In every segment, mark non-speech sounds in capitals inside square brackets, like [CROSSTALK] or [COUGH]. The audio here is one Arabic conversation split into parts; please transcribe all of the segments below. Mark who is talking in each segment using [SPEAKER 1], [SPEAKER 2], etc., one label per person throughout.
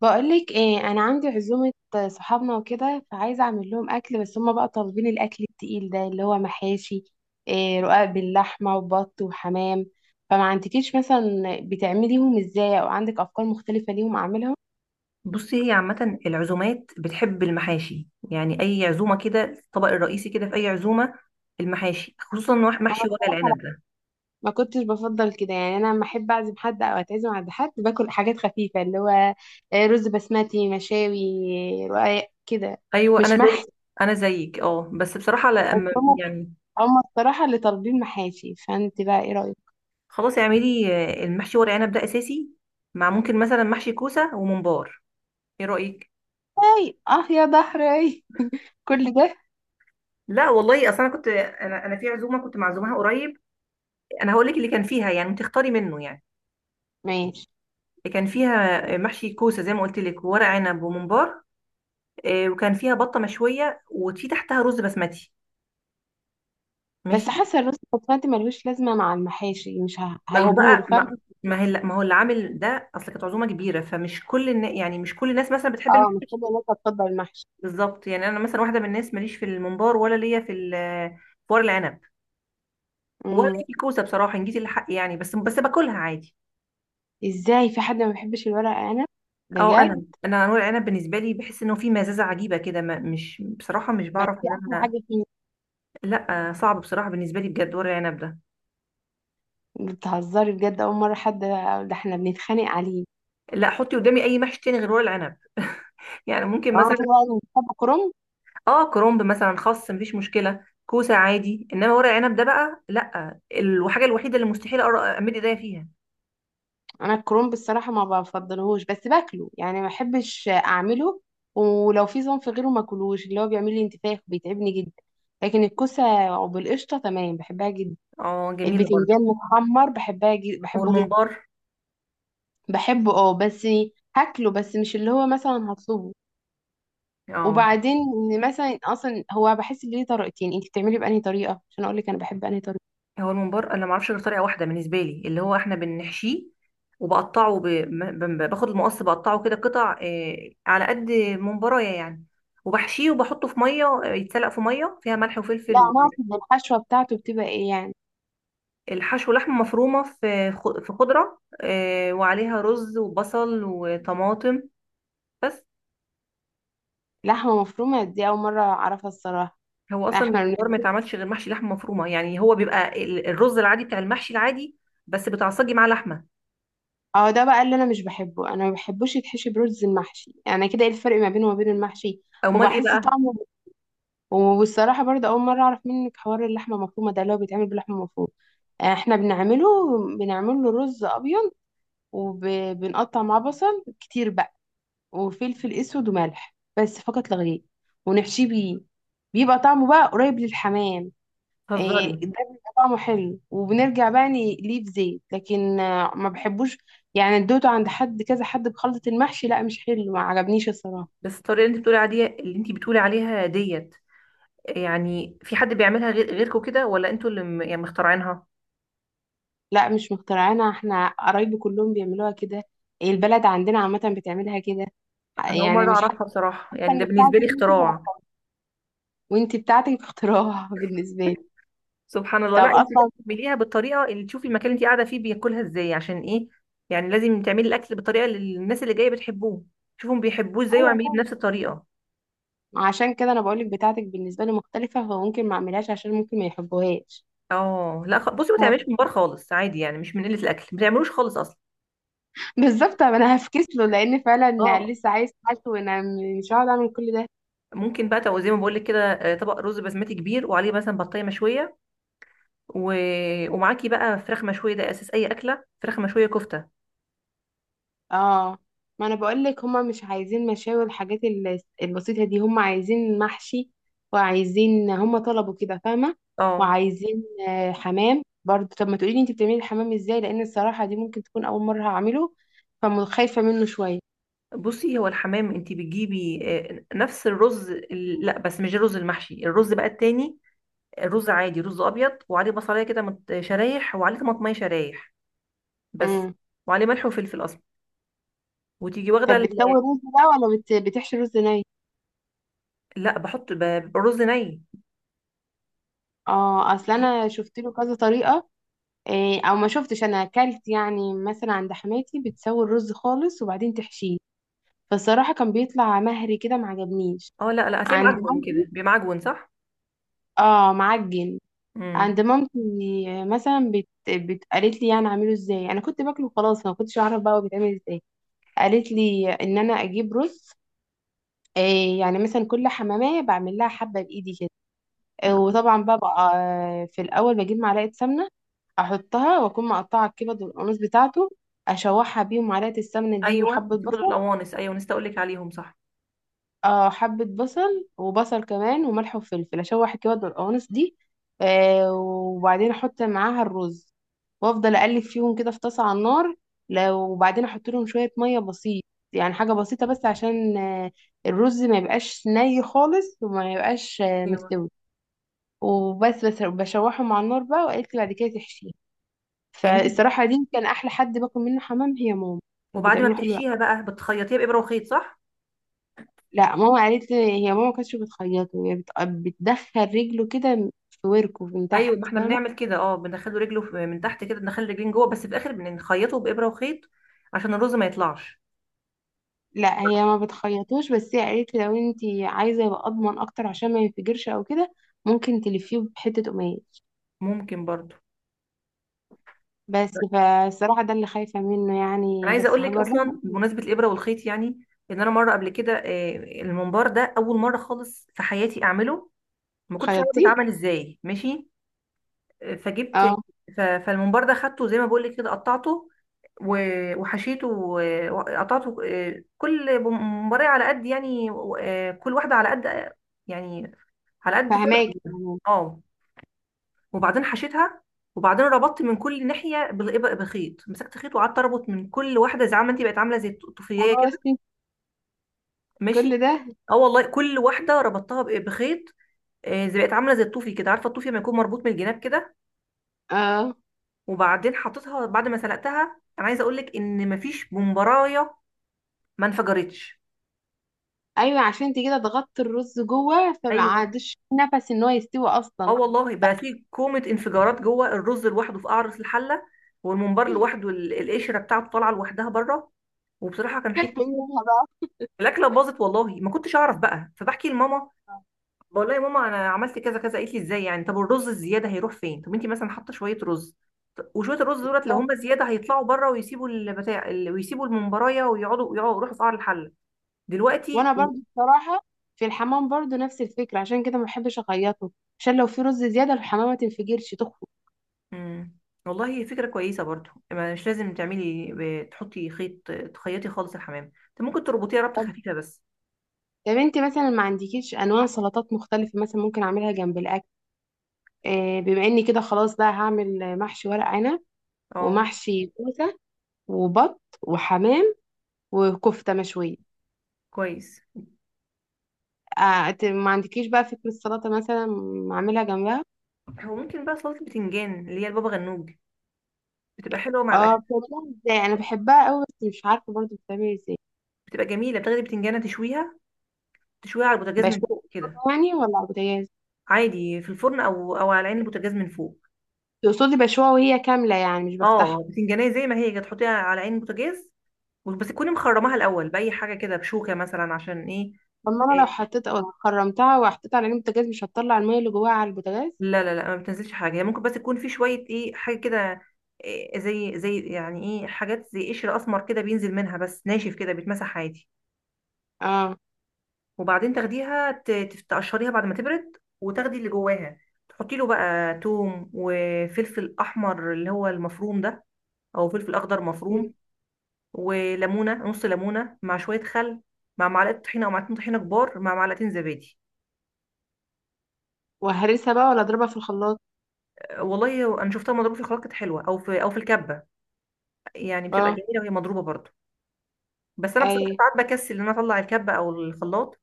[SPEAKER 1] بقولك ايه؟ انا عندي عزومة صحابنا وكده، فعايزة اعمل لهم اكل. بس هما بقى طالبين الاكل التقيل ده، اللي هو محاشي، إيه، رقاق باللحمة، وبط وحمام. فما عندكيش مثلا بتعمليهم ازاي، او عندك افكار مختلفة ليهم اعملهم؟
[SPEAKER 2] بصي، هي عامة العزومات بتحب المحاشي، يعني أي عزومة كده الطبق الرئيسي كده في أي عزومة المحاشي. خصوصا محشي
[SPEAKER 1] انا
[SPEAKER 2] ورق
[SPEAKER 1] بصراحة لا.
[SPEAKER 2] العنب ده.
[SPEAKER 1] ما كنتش بفضل كده يعني. انا لما احب اعزم حد او اتعزم عند حد، باكل حاجات خفيفة، اللي هو إيه، رز بسمتي، مشاوي، رقاق كده،
[SPEAKER 2] أيوة،
[SPEAKER 1] مش محشي.
[SPEAKER 2] أنا زيك، أه، بس بصراحة لأ.
[SPEAKER 1] بس هما
[SPEAKER 2] يعني
[SPEAKER 1] هما الصراحة اللي طالبين محاشي، فانت بقى ايه رأيك؟
[SPEAKER 2] خلاص اعملي. المحشي ورق عنب ده أساسي، مع ممكن مثلا محشي كوسة وممبار. إيه رأيك؟
[SPEAKER 1] اي اه، يا ضهري كل ده!
[SPEAKER 2] لا والله، أصل أنا في عزومة كنت معزومها قريب. أنا هقول لك اللي كان فيها، يعني تختاري منه يعني.
[SPEAKER 1] ماشي.
[SPEAKER 2] اللي كان فيها محشي كوسة زي ما قلت لك، وورق عنب وممبار. وكان فيها بطه مشويه وفي تحتها رز بسمتي.
[SPEAKER 1] بس
[SPEAKER 2] ماشي.
[SPEAKER 1] حاسه الرز البسمتي ملوش لازمه مع المحاشي، مش
[SPEAKER 2] ما هو
[SPEAKER 1] هيبور،
[SPEAKER 2] بقى
[SPEAKER 1] فاهم؟
[SPEAKER 2] ما ما هي ما هو اللي عامل ده، اصل كانت عزومه كبيره. فمش يعني مش كل الناس مثلا بتحب
[SPEAKER 1] اه، مش كل
[SPEAKER 2] المحشي.
[SPEAKER 1] الناس هتفضل المحشي.
[SPEAKER 2] بالظبط، يعني انا مثلا واحده من الناس ماليش في الممبار، ولا ليا في ورق العنب، ولا
[SPEAKER 1] امم.
[SPEAKER 2] ليا في الكوسه بصراحه، ان جيت الحق يعني، بس باكلها عادي.
[SPEAKER 1] ازاي في حد ما بيحبش الورق عنب؟
[SPEAKER 2] او
[SPEAKER 1] بجد؟
[SPEAKER 2] انا انا ورق العنب بالنسبه لي، بحس انه في مزازه عجيبه كده، مش بصراحه، مش
[SPEAKER 1] ما
[SPEAKER 2] بعرف
[SPEAKER 1] دي
[SPEAKER 2] ان
[SPEAKER 1] احلى
[SPEAKER 2] انا.
[SPEAKER 1] حاجه فيه.
[SPEAKER 2] لا، صعب بصراحه بالنسبه لي بجد ورق العنب ده.
[SPEAKER 1] بتهزري؟ بجد، اول مره حد. ده احنا بنتخانق عليه.
[SPEAKER 2] لا، حطي قدامي اي محشي تاني غير ورق العنب [LAUGHS] يعني ممكن
[SPEAKER 1] اه كده؟
[SPEAKER 2] مثلا
[SPEAKER 1] يعني بتحب كرنب.
[SPEAKER 2] اه كرومب مثلا، خس مفيش مشكله، كوسه عادي، انما ورق عنب ده بقى لا، الحاجه الوحيده اللي مستحيل امد ايديا فيها.
[SPEAKER 1] انا الكرومب الصراحه ما بفضلهوش، بس باكله، يعني ما بحبش اعمله، ولو في صنف غيره ما اكلوش. اللي هو بيعمل لي انتفاخ، بيتعبني جدا. لكن الكوسه وبالقشطه تمام، بحبها جدا.
[SPEAKER 2] اه جميله برضه.
[SPEAKER 1] البتنجان متحمر بحبها جدا،
[SPEAKER 2] هو
[SPEAKER 1] بحبه جدا.
[SPEAKER 2] الممبار
[SPEAKER 1] بحبه، اه، بس هاكله بس مش اللي هو مثلا هطلبه.
[SPEAKER 2] اه
[SPEAKER 1] وبعدين إن مثلا اصلا هو بحس ان ليه طريقتين، انت بتعملي بانهي طريقه عشان اقول لك انا بحب انهي طريقه.
[SPEAKER 2] هو الممبار، انا ما اعرفش غير طريقه واحده بالنسبه لي، اللي هو احنا بنحشيه، وبقطعه باخد المقص بقطعه كده قطع، على قد ممبرايه يعني. وبحشيه وبحطه في ميه، يتسلق في ميه فيها ملح
[SPEAKER 1] لا،
[SPEAKER 2] وفلفل.
[SPEAKER 1] انا اقصد الحشوه بتاعته بتبقى ايه يعني.
[SPEAKER 2] والحشو لحمه مفرومه في خضره، وعليها رز وبصل وطماطم بس.
[SPEAKER 1] لحمه مفرومه؟ دي اول مره اعرفها الصراحه.
[SPEAKER 2] هو
[SPEAKER 1] لا،
[SPEAKER 2] اصلا
[SPEAKER 1] احنا.
[SPEAKER 2] الممبار ما يتعملش غير محشي لحمه مفرومه، يعني هو بيبقى الرز العادي بتاع المحشي العادي، بس بتعصجي معاه لحمه.
[SPEAKER 1] اه، ده بقى اللي انا مش بحبه. انا ما بحبوش يتحشي برز المحشي، يعني كده ايه الفرق ما بينه وما بين المحشي؟
[SPEAKER 2] امال ايه
[SPEAKER 1] وبحس
[SPEAKER 2] بقى؟
[SPEAKER 1] طعمه. والصراحه برضه اول مره اعرف منك حوار اللحمه المفرومه ده، اللي هو بيتعمل باللحمه المفرومه. احنا بنعمله، بنعمل له رز ابيض، وبنقطع معاه بصل كتير بقى، وفلفل اسود وملح، بس فقط لا غير، ونحشيه بيه. بيبقى طعمه بقى قريب للحمام.
[SPEAKER 2] هزاري.
[SPEAKER 1] إيه، ده بيبقى طعمه حلو، وبنرجع بقى نقليه في زيت، لكن ما بحبوش. يعني ادوته عند حد، كذا حد بخلطة المحشي، لا، مش حلو، ما عجبنيش الصراحة.
[SPEAKER 2] بس الطريقه اللي انت بتقولي عليها، اللي انت بتقولي عليها ديت، يعني في حد بيعملها غير غيركم كده، ولا انتوا يعني مخترعينها؟
[SPEAKER 1] لا، مش مخترعينها، احنا قرايبي كلهم بيعملوها كده. البلد عندنا عامة بتعملها كده،
[SPEAKER 2] انا اول
[SPEAKER 1] يعني
[SPEAKER 2] مره
[SPEAKER 1] مش حاسة
[SPEAKER 2] اعرفها بصراحه، يعني ده
[SPEAKER 1] ان
[SPEAKER 2] بالنسبه
[SPEAKER 1] بتاعتك
[SPEAKER 2] لي
[SPEAKER 1] انت اللي
[SPEAKER 2] اختراع.
[SPEAKER 1] مخترعة. وانت بتاعتك اختراع [LAUGHS] بالنسبة لي.
[SPEAKER 2] [LAUGHS] سبحان الله. لا
[SPEAKER 1] طب
[SPEAKER 2] انت لازم
[SPEAKER 1] اصلا.
[SPEAKER 2] تعمليها بالطريقه اللي تشوفي المكان اللي انت قاعده فيه بياكلها ازاي، عشان ايه؟ يعني لازم تعملي الاكل بالطريقه اللي الناس اللي جايه بتحبوه، شوفهم بيحبوه ازاي
[SPEAKER 1] ايوه
[SPEAKER 2] واعمليه
[SPEAKER 1] طبعا.
[SPEAKER 2] بنفس الطريقه.
[SPEAKER 1] عشان كده انا بقولك بتاعتك بالنسبة لي مختلفة، فممكن ما اعملهاش عشان ممكن ما يحبوهاش.
[SPEAKER 2] اه. لا، بصي، ما تعمليش ممبار خالص عادي، يعني مش من قله الاكل، ما تعملوش خالص اصلا.
[SPEAKER 1] بالظبط. طب انا هفكس له، لان فعلا
[SPEAKER 2] اه،
[SPEAKER 1] لسه عايز حالته، وانا مش هقعد اعمل كل ده.
[SPEAKER 2] ممكن بقى زي ما بقول لك كده، طبق رز بسمتي كبير وعليه مثلا بطايه مشويه، و... ومعاكي بقى فراخ مشويه. ده اساس اي اكله، فراخ مشويه، كفته.
[SPEAKER 1] اه، ما انا بقول لك هما مش عايزين مشاوي، والحاجات البسيطه دي، هما عايزين محشي. وعايزين، هما طلبوا كده، فاهمه؟
[SPEAKER 2] اه.
[SPEAKER 1] وعايزين حمام برضه. طب ما تقولي لي انت بتعملي الحمام ازاي، لان الصراحه دي ممكن تكون اول مره هعمله، فخايفه منه شويه.
[SPEAKER 2] بصي هو الحمام انت بتجيبي نفس الرز لا بس مش الرز المحشي، الرز بقى التاني، الرز عادي، رز ابيض، وعليه بصلايه كده شرايح، وعليه طماطميه شرايح بس،
[SPEAKER 1] امم.
[SPEAKER 2] وعليه ملح وفلفل اسمر. وتيجي واخده
[SPEAKER 1] طب بتسوي رز بقى، ولا بتحشي رز ني؟
[SPEAKER 2] لا، بحط الرز ني.
[SPEAKER 1] اه، اصل انا شفت له كذا طريقه. إيه، او ما شفتش، انا اكلت يعني مثلا عند حماتي، بتسوي الرز خالص وبعدين تحشيه، فالصراحه كان بيطلع مهري كده، ما عجبنيش.
[SPEAKER 2] اه لا لا، هتلاقيه
[SPEAKER 1] عند
[SPEAKER 2] معجون كده
[SPEAKER 1] مامتي.
[SPEAKER 2] بمعجون، صح؟
[SPEAKER 1] اه، معجن.
[SPEAKER 2] امم.
[SPEAKER 1] عند مامتي مثلا قالت لي يعني اعمله ازاي. انا كنت باكله خلاص، ما كنتش اعرف بقى هو بيتعمل ازاي. قالت لي ان انا اجيب رز، إيه، يعني مثلا كل حمامية بعمل لها حبة بإيدي كده. وطبعا بقى في الاول بجيب معلقه سمنه، احطها واكون مقطعه الكبد والقميص بتاعته، اشوحها بيهم معلقه السمنه دي
[SPEAKER 2] ايوه،
[SPEAKER 1] وحبه
[SPEAKER 2] دول
[SPEAKER 1] بصل.
[SPEAKER 2] القوانص، ايوه نسيت اقول لك عليهم، صح.
[SPEAKER 1] اه، حبه بصل وبصل كمان وملح وفلفل، اشوح الكبد والقوانص دي، وبعدين احط معاها الرز، وافضل اقلب فيهم كده في طاسه على النار. وبعدين احط لهم شويه ميه بسيط، يعني حاجه بسيطه، بس عشان الرز ما يبقاش ني خالص، وما يبقاش
[SPEAKER 2] ايوه.
[SPEAKER 1] مستوي. وبس بشوحه مع النار بقى، وقالت لي بعد كده تحشيه.
[SPEAKER 2] يعني انت
[SPEAKER 1] فالصراحه دي كان احلى حد باكل منه حمام، هي ماما. كانت
[SPEAKER 2] وبعد ما
[SPEAKER 1] بتعمله حلو أوي.
[SPEAKER 2] بتحشيها بقى بتخيطيها بابره وخيط، صح؟
[SPEAKER 1] لا، ماما قالت لي، هي ماما ما كانتش بتخيطه، هي بتدخل رجله كده في وركه من تحت،
[SPEAKER 2] ايوه، ما احنا
[SPEAKER 1] فاهمه؟
[SPEAKER 2] بنعمل كده. اه، بندخله رجله من تحت كده، بندخل رجلين جوه، بس في الاخر بنخيطه بابره وخيط عشان الرز ما يطلعش.
[SPEAKER 1] لا، هي ما بتخيطوش، بس هي قالت لي لو انت عايزه يبقى اضمن اكتر عشان ما ينفجرش او كده، ممكن تلفيه بحته قماش.
[SPEAKER 2] ممكن برضو.
[SPEAKER 1] بس فالصراحه ده اللي خايفه منه
[SPEAKER 2] انا
[SPEAKER 1] يعني،
[SPEAKER 2] عايزه
[SPEAKER 1] بس
[SPEAKER 2] اقول لك
[SPEAKER 1] هجربه.
[SPEAKER 2] اصلا بمناسبه الابره والخيط، يعني ان انا مره قبل كده، الممبار ده اول مره خالص في حياتي اعمله، ما كنتش عارفه
[SPEAKER 1] خيطتيه؟
[SPEAKER 2] بيتعمل ازاي، ماشي. فجبت،
[SPEAKER 1] اه.
[SPEAKER 2] فالممبار ده خدته زي ما بقول لك كده، قطعته وحشيته وقطعته، كل ممبارية على قد يعني، كل واحدة على قد يعني، على قد فرق.
[SPEAKER 1] فهماكي يعني.
[SPEAKER 2] اه. وبعدين حشيتها، وبعدين ربطت من كل ناحية بخيط، مسكت خيط وقعدت اربط من كل واحدة، زي عم انت بقت عاملة زي الطوفية
[SPEAKER 1] خلاص.
[SPEAKER 2] كده. ماشي.
[SPEAKER 1] كل ده!
[SPEAKER 2] اه والله، كل واحدة ربطتها بخيط، زي بقت عاملة زي الطوفي كده، عارفة الطوفي لما يكون مربوط من الجناب كده.
[SPEAKER 1] اه.
[SPEAKER 2] وبعدين حطيتها بعد ما سلقتها، انا عايزه اقول لك ان مفيش بمبرايه ما انفجرتش.
[SPEAKER 1] ايوه، عشان انت كده ضغطت الرز جوه، فما
[SPEAKER 2] ايوه.
[SPEAKER 1] عادش نفس ان هو يستوي
[SPEAKER 2] اه
[SPEAKER 1] اصلا.
[SPEAKER 2] والله بقى، في كومه انفجارات جوه، الرز لوحده في قعر الحله، والممبار لوحده، القشره بتاعته طالعه لوحدها بره. وبصراحه كان
[SPEAKER 1] فاكلت
[SPEAKER 2] حته،
[SPEAKER 1] ايه منها بقى؟
[SPEAKER 2] الاكله باظت والله، ما كنتش اعرف بقى، فبحكي لماما، بقول لها يا ماما انا عملت كذا كذا، قالت لي ازاي يعني؟ طب الرز الزياده هيروح فين؟ طب انت مثلا حاطه شويه رز، وشويه الرز دولت لو
[SPEAKER 1] بالظبط.
[SPEAKER 2] هم زياده هيطلعوا بره، ويسيبوا البتاع ويسيبوا الممبرايه، ويقعدوا يروحوا في قعر الحله. دلوقتي.
[SPEAKER 1] وانا برضو بصراحه في الحمام برضو نفس الفكره، عشان كده ما بحبش اخيطه، عشان لو في رز زياده الحمامه ما تنفجرش تخفق.
[SPEAKER 2] امم. والله هي فكرة كويسة برضو، ما مش لازم تعملي تحطي خيط تخيطي خالص الحمام، انت ممكن تربطيها ربطة
[SPEAKER 1] طب
[SPEAKER 2] خفيفة بس.
[SPEAKER 1] طب انت مثلا ما عندكيش انواع سلطات مختلفه، مثلا ممكن اعملها جنب الاكل، بما اني كده خلاص بقى هعمل محشي ورق عنب،
[SPEAKER 2] اه
[SPEAKER 1] ومحشي كوسه، وبط وحمام، وكفته مشويه.
[SPEAKER 2] كويس.
[SPEAKER 1] ما عندكيش بقى فكره سلطه مثلا اعملها جنبها؟
[SPEAKER 2] هو ممكن بقى سلطة البتنجان اللي هي البابا غنوج، بتبقى حلوة مع
[SPEAKER 1] اه،
[SPEAKER 2] الأكل.
[SPEAKER 1] بتعملها ازاي؟ انا بحبها قوي، بس مش عارفه برضو بتعمل ازاي.
[SPEAKER 2] بتبقى جميلة، بتاخدي بتنجانة تشويها، تشويها على البوتاجاز من
[SPEAKER 1] بشوها
[SPEAKER 2] فوق كده،
[SPEAKER 1] يعني، ولا على البوتاجاز؟
[SPEAKER 2] عادي في الفرن أو على عين البوتاجاز من فوق.
[SPEAKER 1] تقصدي بشوها وهي كامله، يعني مش بفتحها؟
[SPEAKER 2] اه، بتنجانية زي ما هي كده تحطيها على عين البوتاجاز، بس تكوني مخرماها الأول بأي حاجة كده بشوكة مثلا، عشان ايه؟
[SPEAKER 1] طب ما انا لو
[SPEAKER 2] آه،
[SPEAKER 1] حطيت او خرمتها وحطيتها على جنب البوتاجاز، مش هتطلع الميه اللي جواها على البوتاجاز؟
[SPEAKER 2] لا لا لا، ما بتنزلش حاجه، هي ممكن بس تكون في شويه ايه حاجه كده، إيه، زي يعني ايه، حاجات زي قشر اسمر كده بينزل منها بس ناشف كده بيتمسح عادي.
[SPEAKER 1] اه.
[SPEAKER 2] وبعدين تاخديها تقشريها بعد ما تبرد، وتاخدي اللي جواها، تحطي له بقى توم وفلفل احمر اللي هو المفروم ده، او فلفل اخضر مفروم،
[SPEAKER 1] مم.
[SPEAKER 2] وليمونه، نص ليمونه، مع شويه خل، مع معلقه طحينه او معلقتين طحينه كبار، مع معلقتين زبادي.
[SPEAKER 1] وهرسها بقى، ولا اضربها في الخلاط؟
[SPEAKER 2] والله انا شفتها مضروبه في خلاط كانت حلوه، او في الكبه، يعني بتبقى
[SPEAKER 1] اه،
[SPEAKER 2] جميله وهي مضروبه برضه. بس انا
[SPEAKER 1] اي.
[SPEAKER 2] بصراحه ساعات بكسل ان انا اطلع الكبه او الخلاط،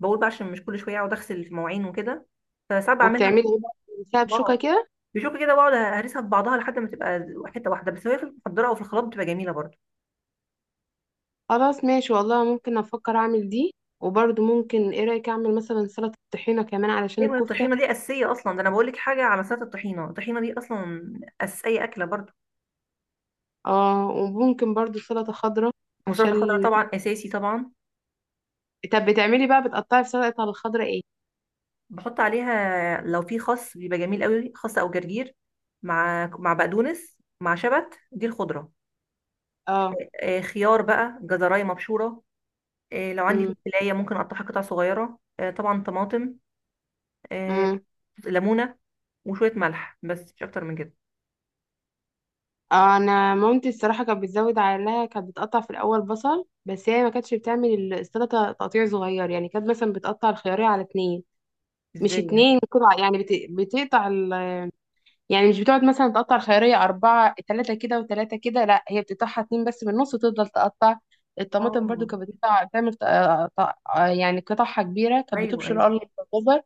[SPEAKER 2] بقول بقى عشان مش كل شويه اقعد اغسل المواعين وكده، فساعات بعملها.
[SPEAKER 1] وبتعملي ايه بقى، بتمسحيها بشوكه
[SPEAKER 2] اه.
[SPEAKER 1] كده؟
[SPEAKER 2] بشوف كده، بقعد هرسها في بعضها لحد ما تبقى حته واحده، بس هي في المحضره او في الخلاط بتبقى جميله برضه.
[SPEAKER 1] خلاص ماشي، والله ممكن افكر اعمل دي. وبرضو ممكن، ايه رايك اعمل مثلا سلطه طحينه كمان علشان
[SPEAKER 2] ايوه،
[SPEAKER 1] الكفته؟
[SPEAKER 2] الطحينه دي اساسيه اصلا، ده انا بقول لك حاجه على سلطه الطحينه، الطحينه دي اصلا اساسيه اكله برضه.
[SPEAKER 1] اه، وممكن برضو سلطه خضراء
[SPEAKER 2] وسلطه الخضره
[SPEAKER 1] عشان.
[SPEAKER 2] طبعا اساسي طبعا.
[SPEAKER 1] طب بتعملي بقى، بتقطعي في السلطة الخضراء ايه؟
[SPEAKER 2] بحط عليها لو في خس بيبقى جميل قوي، خس او جرجير، مع بقدونس مع شبت، دي الخضره.
[SPEAKER 1] اه.
[SPEAKER 2] خيار بقى، جزرايه مبشوره، لو عندي
[SPEAKER 1] امم.
[SPEAKER 2] فلفلاية ممكن اقطعها قطع صغيرة، طبعا طماطم، آه،
[SPEAKER 1] امم.
[SPEAKER 2] ليمونة، وشوية ملح بس مش اكتر من كده.
[SPEAKER 1] انا مامتي الصراحة كانت بتزود عليها. كانت بتقطع في الاول بصل، بس هي ما كانتش بتعمل السلطة تقطيع صغير، يعني كانت مثلا بتقطع الخيارية على اتنين. مش
[SPEAKER 2] ازاي يعني؟
[SPEAKER 1] اتنين قطع يعني، بتقطع يعني مش بتقعد مثلا تقطع الخيارية أربعة تلاتة كده وتلاتة كده، لا هي بتقطعها اتنين بس من النص وتفضل تقطع. الطماطم برضو
[SPEAKER 2] اه.
[SPEAKER 1] كانت بتقطع، تعمل يعني قطعها كبيرة، كانت
[SPEAKER 2] ايوه
[SPEAKER 1] بتبشر
[SPEAKER 2] ايوه.
[SPEAKER 1] قرن الجزر.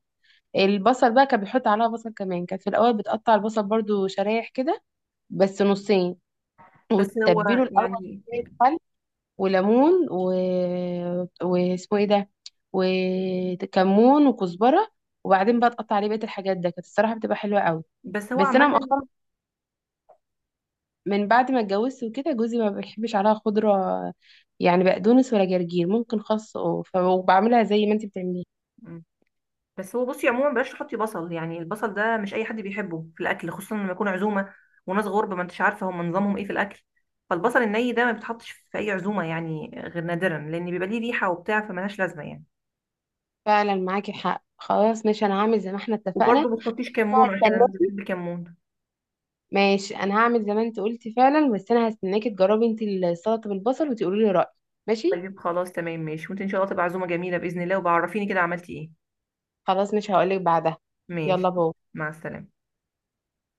[SPEAKER 1] البصل بقى كان بيحط عليها بصل كمان، كانت في الاول بتقطع البصل برضو شرايح كده، بس نصين،
[SPEAKER 2] بس هو
[SPEAKER 1] وتتبله الاول
[SPEAKER 2] يعني
[SPEAKER 1] بشوية خل وليمون واسمه ايه ده، وكمون وكزبره، وبعدين بقى تقطع عليه بقيه الحاجات. ده كانت الصراحه بتبقى حلوه قوي.
[SPEAKER 2] بس هو
[SPEAKER 1] بس انا
[SPEAKER 2] عامة.
[SPEAKER 1] مؤخرا من بعد ما اتجوزت وكده، جوزي ما بيحبش عليها خضره، يعني بقدونس ولا جرجير، ممكن خس وبعملها زي ما انت بتعمليها.
[SPEAKER 2] مم. بس هو بصي عموما، بلاش تحطي بصل، يعني البصل ده مش اي حد بيحبه في الاكل، خصوصا لما يكون عزومة وناس غرب ما انتش عارفة هم نظامهم ايه في الاكل، فالبصل الني ده ما بيتحطش في اي عزومة، يعني غير نادرا، لان بيبقى ليه ريحة وبتاع، فملهاش لازمة يعني.
[SPEAKER 1] فعلا معاكي حق، خلاص ماشي، انا هعمل زي ما احنا
[SPEAKER 2] وبرضه
[SPEAKER 1] اتفقنا.
[SPEAKER 2] ما تحطيش كمون عشان انا مش
[SPEAKER 1] هستناكي.
[SPEAKER 2] بحب الكمون.
[SPEAKER 1] ماشي، انا هعمل زي ما انت قلتي فعلا، بس انا هستناكي تجربي انت السلطه بالبصل وتقولي لي رايك. ماشي.
[SPEAKER 2] طيب خلاص تمام ماشي، وانت ان شاء الله تبقى عزومة جميلة بإذن الله، وبعرفيني كده عملتي ايه.
[SPEAKER 1] خلاص، مش هقولك بعدها. يلا،
[SPEAKER 2] ماشي.
[SPEAKER 1] باي.
[SPEAKER 2] مع السلامة.